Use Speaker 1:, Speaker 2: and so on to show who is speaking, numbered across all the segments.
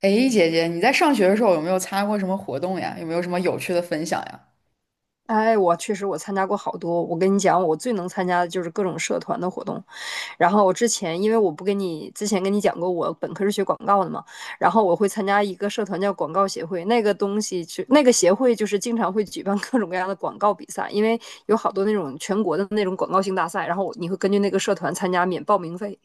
Speaker 1: 哎，姐姐，你在上学的时候有没有参加过什么活动呀？有没有什么有趣的分享呀？
Speaker 2: 哎，我确实参加过好多。我跟你讲，我最能参加的就是各种社团的活动。然后我之前，因为我不跟你之前跟你讲过，我本科是学广告的嘛，然后我会参加一个社团叫广告协会，那个东西就那个协会就是经常会举办各种各样的广告比赛，因为有好多那种全国的那种广告性大赛，然后你会根据那个社团参加免报名费。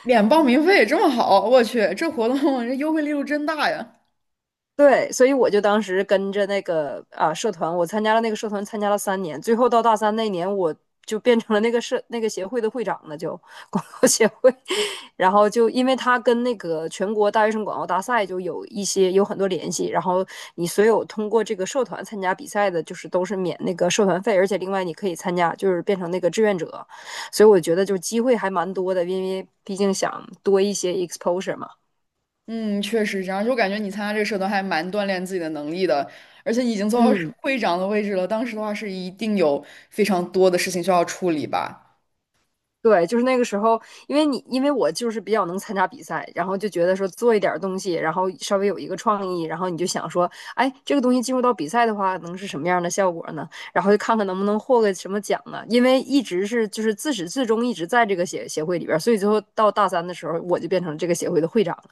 Speaker 1: 免报名费这么好，我去，这活动这优惠力度真大呀！
Speaker 2: 对，所以我就当时跟着那个社团，我参加了那个社团，参加了3年，最后到大三那年，我就变成了那个社那个协会的会长了，就广告协会。然后就因为他跟那个全国大学生广告大赛就有一些有很多联系，然后你所有通过这个社团参加比赛的，就是都是免那个社团费，而且另外你可以参加，就是变成那个志愿者。所以我觉得就是机会还蛮多的，因为毕竟想多一些 exposure 嘛。
Speaker 1: 嗯，确实这样，就感觉你参加这个社团还蛮锻炼自己的能力的，而且你已经做到是
Speaker 2: 嗯。
Speaker 1: 会长的位置了。当时的话是一定有非常多的事情需要处理吧？
Speaker 2: 对，就是那个时候，因为我就是比较能参加比赛，然后就觉得说做一点儿东西，然后稍微有一个创意，然后你就想说，哎，这个东西进入到比赛的话，能是什么样的效果呢？然后就看看能不能获个什么奖呢？因为一直是就是自始至终一直在这个协会里边儿，所以最后到大三的时候，我就变成这个协会的会长了。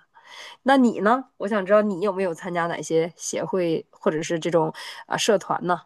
Speaker 2: 那你呢？我想知道你有没有参加哪些协会或者是这种社团呢？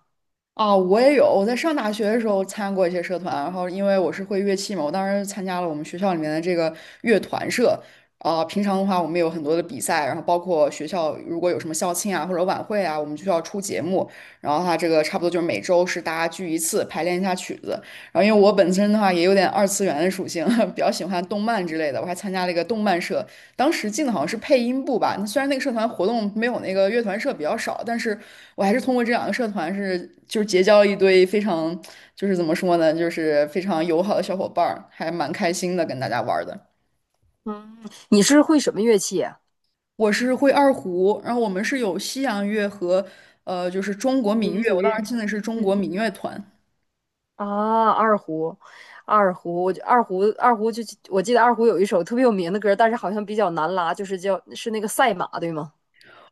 Speaker 1: 啊，我也有。我在上大学的时候参加过一些社团，然后因为我是会乐器嘛，我当时参加了我们学校里面的这个乐团社。啊，平常的话，我们有很多的比赛，然后包括学校如果有什么校庆啊或者晚会啊，我们就需要出节目。然后它这个差不多就是每周是大家聚一次，排练一下曲子。然后因为我本身的话也有点二次元的属性，比较喜欢动漫之类的，我还参加了一个动漫社，当时进的好像是配音部吧，那虽然那个社团活动没有那个乐团社比较少，但是我还是通过这两个社团是就是结交了一堆非常就是怎么说呢，就是非常友好的小伙伴儿，还蛮开心的跟大家玩儿的。
Speaker 2: 嗯，你是会什么乐器啊？
Speaker 1: 我是会二胡，然后我们是有西洋乐和就是中国民乐，
Speaker 2: 民族
Speaker 1: 我当
Speaker 2: 乐。
Speaker 1: 时进的是中国
Speaker 2: 嗯。
Speaker 1: 民乐团。
Speaker 2: 啊，二胡，二胡，我就二胡，二胡就我记得二胡有一首特别有名的歌，但是好像比较难拉，就是是那个赛马，对吗？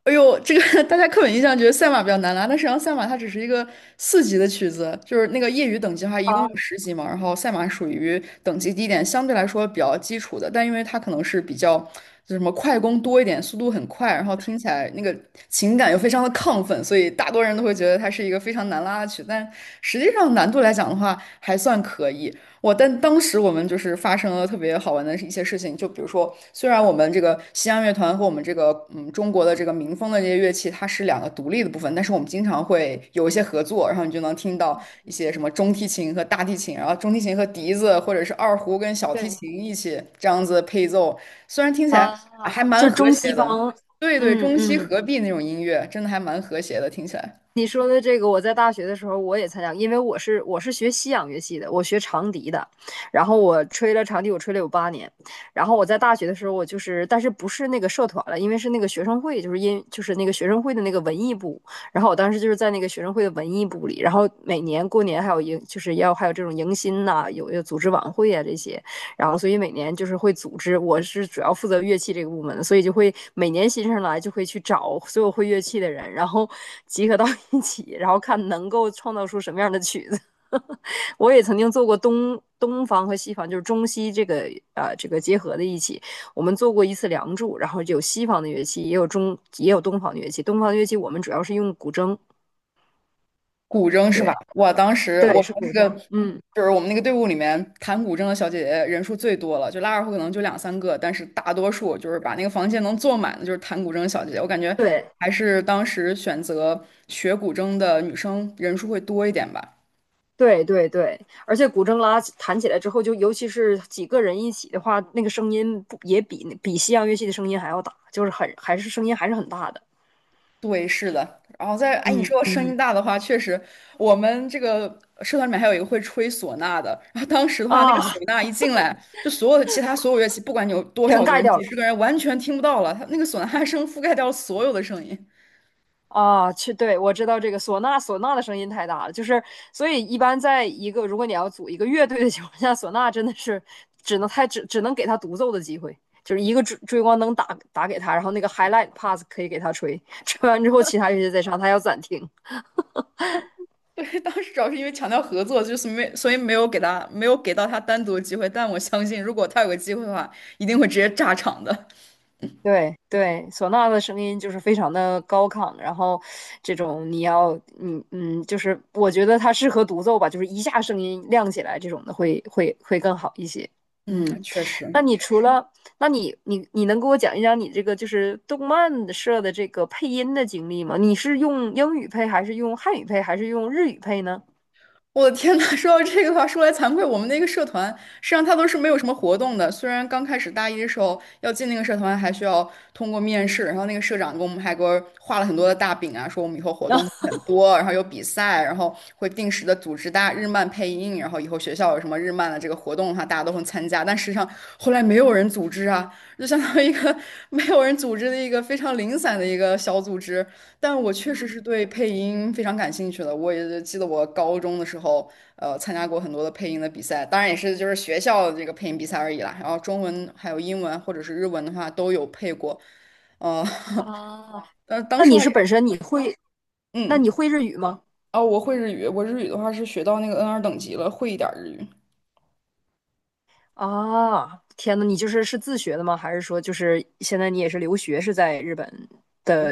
Speaker 1: 哎呦，这个 大家刻板印象觉得赛马比较难拉，但实际上赛马它只是一个4级的曲子，就是那个业余等级的话，一共有
Speaker 2: 啊，
Speaker 1: 10级嘛。然后赛马属于等级低一点，相对来说比较基础的，但因为它可能是比较就什么快攻多一点，速度很快，然后听起来那个情感又非常的亢奋，所以大多人都会觉得它是一个非常难拉的曲。但实际上难度来讲的话，还算可以。但当时我们就是发生了特别好玩的一些事情，就比如说，虽然我们这个西洋乐团和我们这个嗯中国的这个民风的这些乐器，它是两个独立的部分，但是我们经常会有一些合作，然后你就能听到一些什么中提琴和大提琴，然后中提琴和笛子或者是二胡跟小提
Speaker 2: 对
Speaker 1: 琴一起这样子配奏，虽然听起来
Speaker 2: 啊，
Speaker 1: 啊还蛮
Speaker 2: 就是
Speaker 1: 和
Speaker 2: 中西
Speaker 1: 谐的，
Speaker 2: 方。
Speaker 1: 对对，
Speaker 2: 嗯
Speaker 1: 中西
Speaker 2: 嗯，
Speaker 1: 合璧那种音乐，真的还蛮和谐的，听起来。
Speaker 2: 你说的这个，我在大学的时候我也参加过，因为我是学西洋乐器的，我学长笛的，然后我吹了长笛，我吹了有8年，然后我在大学的时候，我就是，但是不是那个社团了，因为是那个学生会，就是那个学生会的那个文艺部，然后我当时就是在那个学生会的文艺部里，然后每年过年还有就是要还有这种迎新呐、有组织晚会啊这些，然后所以每年就是会组织，我是主要负责乐器这个部门的，所以就会每年新生来就会去找所有会乐器的人，然后 集合到一起，然后看能够创造出什么样的曲子。我也曾经做过东方和西方，就是中西这个这个结合的一起，我们做过一次《梁祝》，然后有西方的乐器，也有东方的乐器。东方的乐器我们主要是用古筝，
Speaker 1: 古筝是吧？
Speaker 2: 对
Speaker 1: 哇，当时我
Speaker 2: 对是古
Speaker 1: 们那个
Speaker 2: 筝，嗯
Speaker 1: 就是我们那个队伍里面弹古筝的小姐姐人数最多了，就拉二胡可能就两三个，但是大多数就是把那个房间能坐满的，就是弹古筝的小姐姐。我感觉
Speaker 2: 对。
Speaker 1: 还是当时选择学古筝的女生人数会多一点吧。
Speaker 2: 对对对，而且古筝弹起来之后，就尤其是几个人一起的话，那个声音不也比西洋乐器的声音还要大，就是还是声音还是很大的。
Speaker 1: 对，是的。然后哎，你
Speaker 2: 嗯
Speaker 1: 说声
Speaker 2: 嗯。
Speaker 1: 音大的话，确实，我们这个社团里面还有一个会吹唢呐的。然后当时的话，那个
Speaker 2: 啊，
Speaker 1: 唢呐一进来，就所有的其他所有乐器，不管你有多
Speaker 2: 全
Speaker 1: 少个
Speaker 2: 盖
Speaker 1: 人，
Speaker 2: 掉
Speaker 1: 几
Speaker 2: 了
Speaker 1: 十个人，完全听不到了。他那个唢呐声覆盖掉了所有的声音。
Speaker 2: 啊！去，对我知道这个唢呐，唢呐的声音太大了，就是所以一般在一个如果你要组一个乐队的情况下，唢呐真的是只能给他独奏的机会，就是一个追光灯打给他，然后那个 highlight pass 可以给他吹，吹完之后其他乐器再上，他要暂停。
Speaker 1: 对，当时主要是因为强调合作，就是没，所以没有给到他单独的机会。但我相信，如果他有个机会的话，一定会直接炸场的。
Speaker 2: 对对，唢呐的声音就是非常的高亢，然后这种你要，你嗯，就是我觉得它适合独奏吧，就是一下声音亮起来这种的会更好一些。
Speaker 1: 嗯，
Speaker 2: 嗯，
Speaker 1: 确
Speaker 2: 那
Speaker 1: 实。
Speaker 2: 你除了，那你能给我讲一讲你这个就是动漫社的这个配音的经历吗？你是用英语配，还是用汉语配，还是用日语配呢？
Speaker 1: 我的天呐，说到这个的话，说来惭愧，我们那个社团实际上它都是没有什么活动的。虽然刚开始大一的时候要进那个社团，还需要通过面试，然后那个社长给我们还给我画了很多的大饼啊，说我们以后活动会很 多，然后有比赛，然后会定时的组织大家日漫配音，然后以后学校有什么日漫的这个活动的话，大家都会参加。但实际上后来没有人组织啊，就相当于一个 没有人组织的一个非常零散的一个小组织。但我确实是
Speaker 2: 嗯
Speaker 1: 对配音非常感兴趣的。我也记得我高中的时候，参加过很多的配音的比赛，当然也是就是学校这个配音比赛而已啦。然后中文还有英文或者是日文的话都有配过，呃，
Speaker 2: 啊，
Speaker 1: 但当
Speaker 2: 那
Speaker 1: 时
Speaker 2: 你
Speaker 1: 话
Speaker 2: 是
Speaker 1: 也
Speaker 2: 本身你会，那
Speaker 1: 嗯，
Speaker 2: 你会日语吗？
Speaker 1: 哦，我会日语，我日语的话是学到那个 N2等级了，会一点儿日语。
Speaker 2: 啊，天呐，你就是自学的吗？还是说就是现在你也是留学是在日本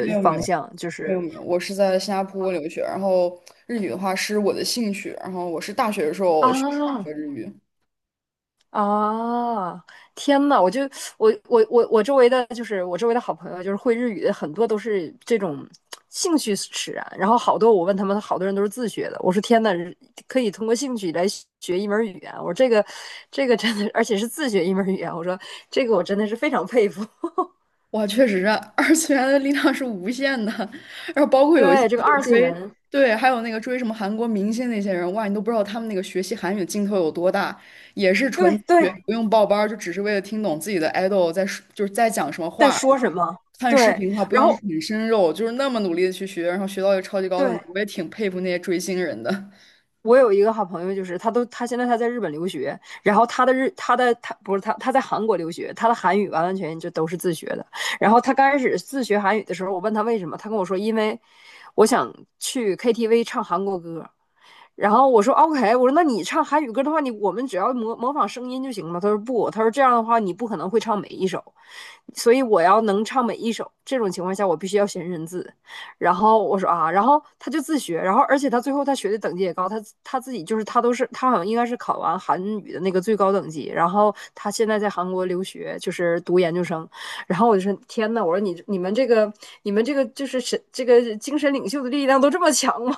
Speaker 1: 没有没有
Speaker 2: 方向？就
Speaker 1: 没有
Speaker 2: 是
Speaker 1: 没有，我是在新加坡留学，然后日语的话是我的兴趣，然后我是大学的时候学
Speaker 2: 啊
Speaker 1: 的日语。
Speaker 2: 啊，天呐，我就我我我我周围的就是我周围的好朋友，就是会日语的很多都是这种兴趣使然，然后好多我问他们，好多人都是自学的。我说天呐，可以通过兴趣来学一门语言，我说这个真的，而且是自学一门语言，我说这个我真的是非常佩服。
Speaker 1: 哇，确实是二次元的力量是无限的，然后包括有一些
Speaker 2: 对，这个
Speaker 1: 就是
Speaker 2: 二次
Speaker 1: 追，
Speaker 2: 元。
Speaker 1: 对，还有那个追什么韩国明星那些人，哇，你都不知道他们那个学习韩语的劲头有多大，也是纯
Speaker 2: 对
Speaker 1: 自学，
Speaker 2: 对，
Speaker 1: 不用报班儿就只是为了听懂自己的 idol 在说就是在讲什么
Speaker 2: 在
Speaker 1: 话，
Speaker 2: 说什么。
Speaker 1: 看视
Speaker 2: 对，
Speaker 1: 频的话不
Speaker 2: 然
Speaker 1: 用
Speaker 2: 后
Speaker 1: 啃生肉，就是那么努力的去学，然后学到一个超级高等级，
Speaker 2: 对，
Speaker 1: 我也挺佩服那些追星人的。
Speaker 2: 我有一个好朋友，就是他现在在日本留学，然后他的日他的他不是他他在韩国留学，他的韩语完完全全就都是自学的。然后他刚开始自学韩语的时候，我问他为什么，他跟我说因为我想去 KTV 唱韩国歌，然后我说 OK，我说那你唱韩语歌的话，我们只要模仿声音就行了吗？他说不，他说这样的话你不可能会唱每一首，所以我要能唱每一首。这种情况下，我必须要学认字。然后我说啊，然后他就自学，然后而且他最后他学的等级也高，他他自己就是他都是他好像应该是考完韩语的那个最高等级，然后他现在在韩国留学，就是读研究生。然后我就说天呐，我说你们这个就是这个精神领袖的力量都这么强吗？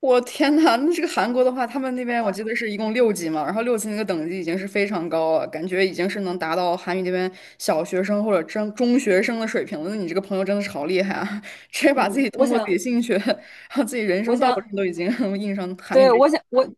Speaker 1: 我天呐，那这个韩国的话，他们那边我记得是一共六级嘛，然后六级那个等级已经是非常高了，感觉已经是能达到韩语这边小学生或者中学生的水平了。那你这个朋友真的是好厉害啊，直接把自
Speaker 2: 嗯，
Speaker 1: 己
Speaker 2: 我
Speaker 1: 通过自己
Speaker 2: 想
Speaker 1: 兴趣，然后自己人
Speaker 2: 我
Speaker 1: 生道
Speaker 2: 想，
Speaker 1: 路上都已经 印上韩语
Speaker 2: 对，
Speaker 1: 这。
Speaker 2: 我想，我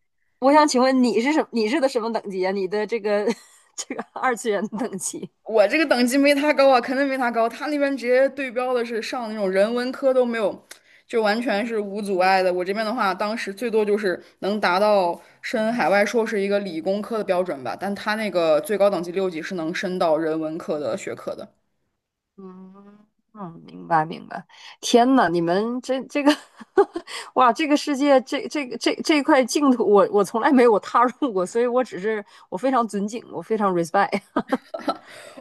Speaker 2: 我想请问你是什么等级啊？你的这个 这个二次元的等级？
Speaker 1: 我这个等级没他高啊，肯定没他高。他那边直接对标的是上那种人文科都没有，就完全是无阻碍的。我这边的话，当时最多就是能达到申海外硕士一个理工科的标准吧，但他那个最高等级六级是能升到人文科的学科的。
Speaker 2: 嗯嗯，明白明白。天呐，你们这个，哇，这个世界这这块净土，我从来没有踏入过，所以我只是我非常尊敬，我非常 respect。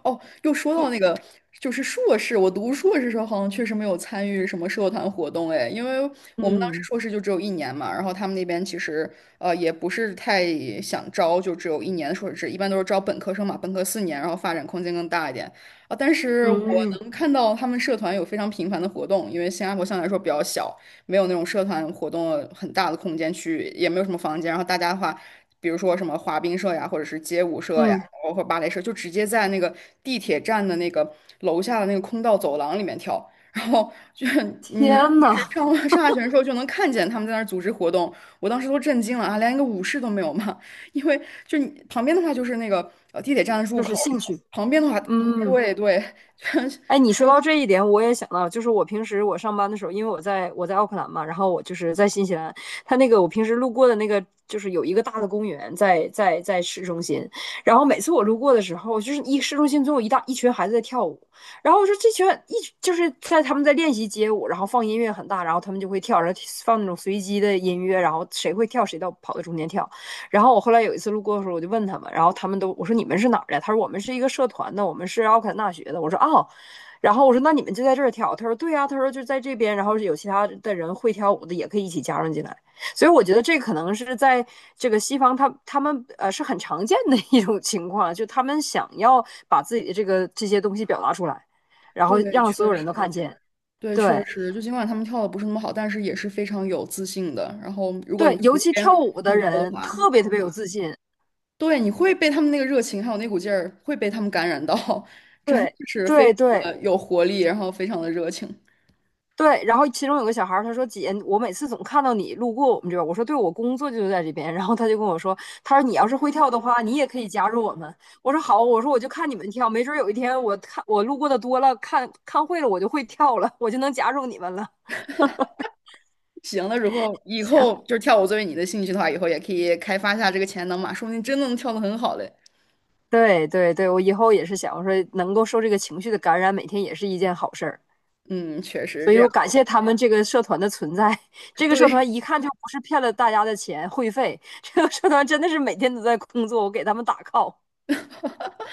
Speaker 1: 哦，又说到那个，就是硕士，我读硕士时候好像确实没有参与什么社团活动，哎，因为我们当时
Speaker 2: 嗯
Speaker 1: 硕士就只有一年嘛，然后他们那边其实也不是太想招，就只有一年的硕士制，一般都是招本科生嘛，本科4年，然后发展空间更大一点啊。但是我
Speaker 2: 嗯
Speaker 1: 能看到他们社团有非常频繁的活动，因为新加坡相对来说比较小，没有那种社团活动很大的空间去，也没有什么房间，然后大家的话。比如说什么滑冰社呀，或者是街舞社呀，
Speaker 2: 嗯，
Speaker 1: 包括芭蕾社，就直接在那个地铁站的那个楼下的那个空道走廊里面跳。然后就是你
Speaker 2: 天
Speaker 1: 平时
Speaker 2: 呐，
Speaker 1: 上下学的时候就能看见他们在那儿组织活动，我当时都震惊了啊，连一个舞室都没有嘛！因为就你旁边的话就是那个地铁站的入
Speaker 2: 就是
Speaker 1: 口，
Speaker 2: 兴趣。
Speaker 1: 旁边的话，
Speaker 2: 嗯。
Speaker 1: 对对，确
Speaker 2: 哎，你说到这一点，我也想到，就是我平时我上班的时候，因为我在奥克兰嘛，然后我就是在新西兰，它那个我平时路过的那个，就是有一个大的公园在市中心，然后每次我路过的时候，就是市中心总有一大一群孩子在跳舞，然后我说这群一就是在他们在练习街舞，然后放音乐很大，然后他们就会跳，然后放那种随机的音乐，然后谁会跳谁跑到中间跳，然后我后来有一次路过的时候，我就问他们，然后他们都我说你们是哪儿的？他说我们是一个社团的，我们是奥克兰大学的。我说哦。然后我说那你们就在这儿跳，他说对呀、他说就在这边，然后有其他的人会跳舞的也可以一起加入进来，所以我觉得这可能是在这个西方他们是很常见的一种情况，就他们想要把自己的这些东西表达出来，然后
Speaker 1: 对，
Speaker 2: 让
Speaker 1: 确
Speaker 2: 所有人都
Speaker 1: 实。
Speaker 2: 看见，
Speaker 1: 对，确
Speaker 2: 对
Speaker 1: 实，就尽管他们跳的不是那么好，但是也是非常有自信的。然后，如果你
Speaker 2: 对，
Speaker 1: 旁
Speaker 2: 尤其
Speaker 1: 边
Speaker 2: 跳舞的
Speaker 1: 路过的
Speaker 2: 人
Speaker 1: 话，
Speaker 2: 特别特别有自信，
Speaker 1: 对，你会被他们那个热情还有那股劲儿，会被他们感染到，真的
Speaker 2: 对
Speaker 1: 是非
Speaker 2: 对
Speaker 1: 常
Speaker 2: 对，
Speaker 1: 的有活力，然后非常的热情。
Speaker 2: 对，然后其中有个小孩儿，他说：“姐，我每次总看到你路过我们这边儿。”我说：“对，我工作就在这边。”然后他就跟我说：“他说你要是会跳的话，你也可以加入我们。”我说：“好。”我说：“我就看你们跳，没准儿有一天我看我路过的多了，看看会了，我就会跳了，我就能加入你们了。”
Speaker 1: 行了，如果以
Speaker 2: 行，
Speaker 1: 后就是跳舞作为你的兴趣的话，以后也可以开发一下这个潜能嘛，说不定真的能跳得很好嘞。
Speaker 2: 对对对，我以后也是想，我说能够受这个情绪的感染，每天也是一件好事儿。
Speaker 1: 嗯，确实是
Speaker 2: 所
Speaker 1: 这
Speaker 2: 以
Speaker 1: 样。
Speaker 2: 我感谢他们这个社团的存在。这个社
Speaker 1: 对
Speaker 2: 团一看就不是骗了大家的钱会费，这个社团真的是每天都在工作，我给他们打 call。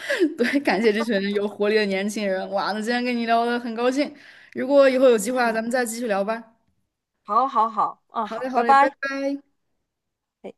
Speaker 1: 对，感谢这群有活力的年轻人。哇，那今天跟你聊的很高兴，如果以后有计划，咱们再继续聊吧。
Speaker 2: 好，好，好，嗯，
Speaker 1: 好嘞，
Speaker 2: 好，
Speaker 1: 好
Speaker 2: 拜
Speaker 1: 嘞，拜
Speaker 2: 拜。
Speaker 1: 拜。
Speaker 2: 哎。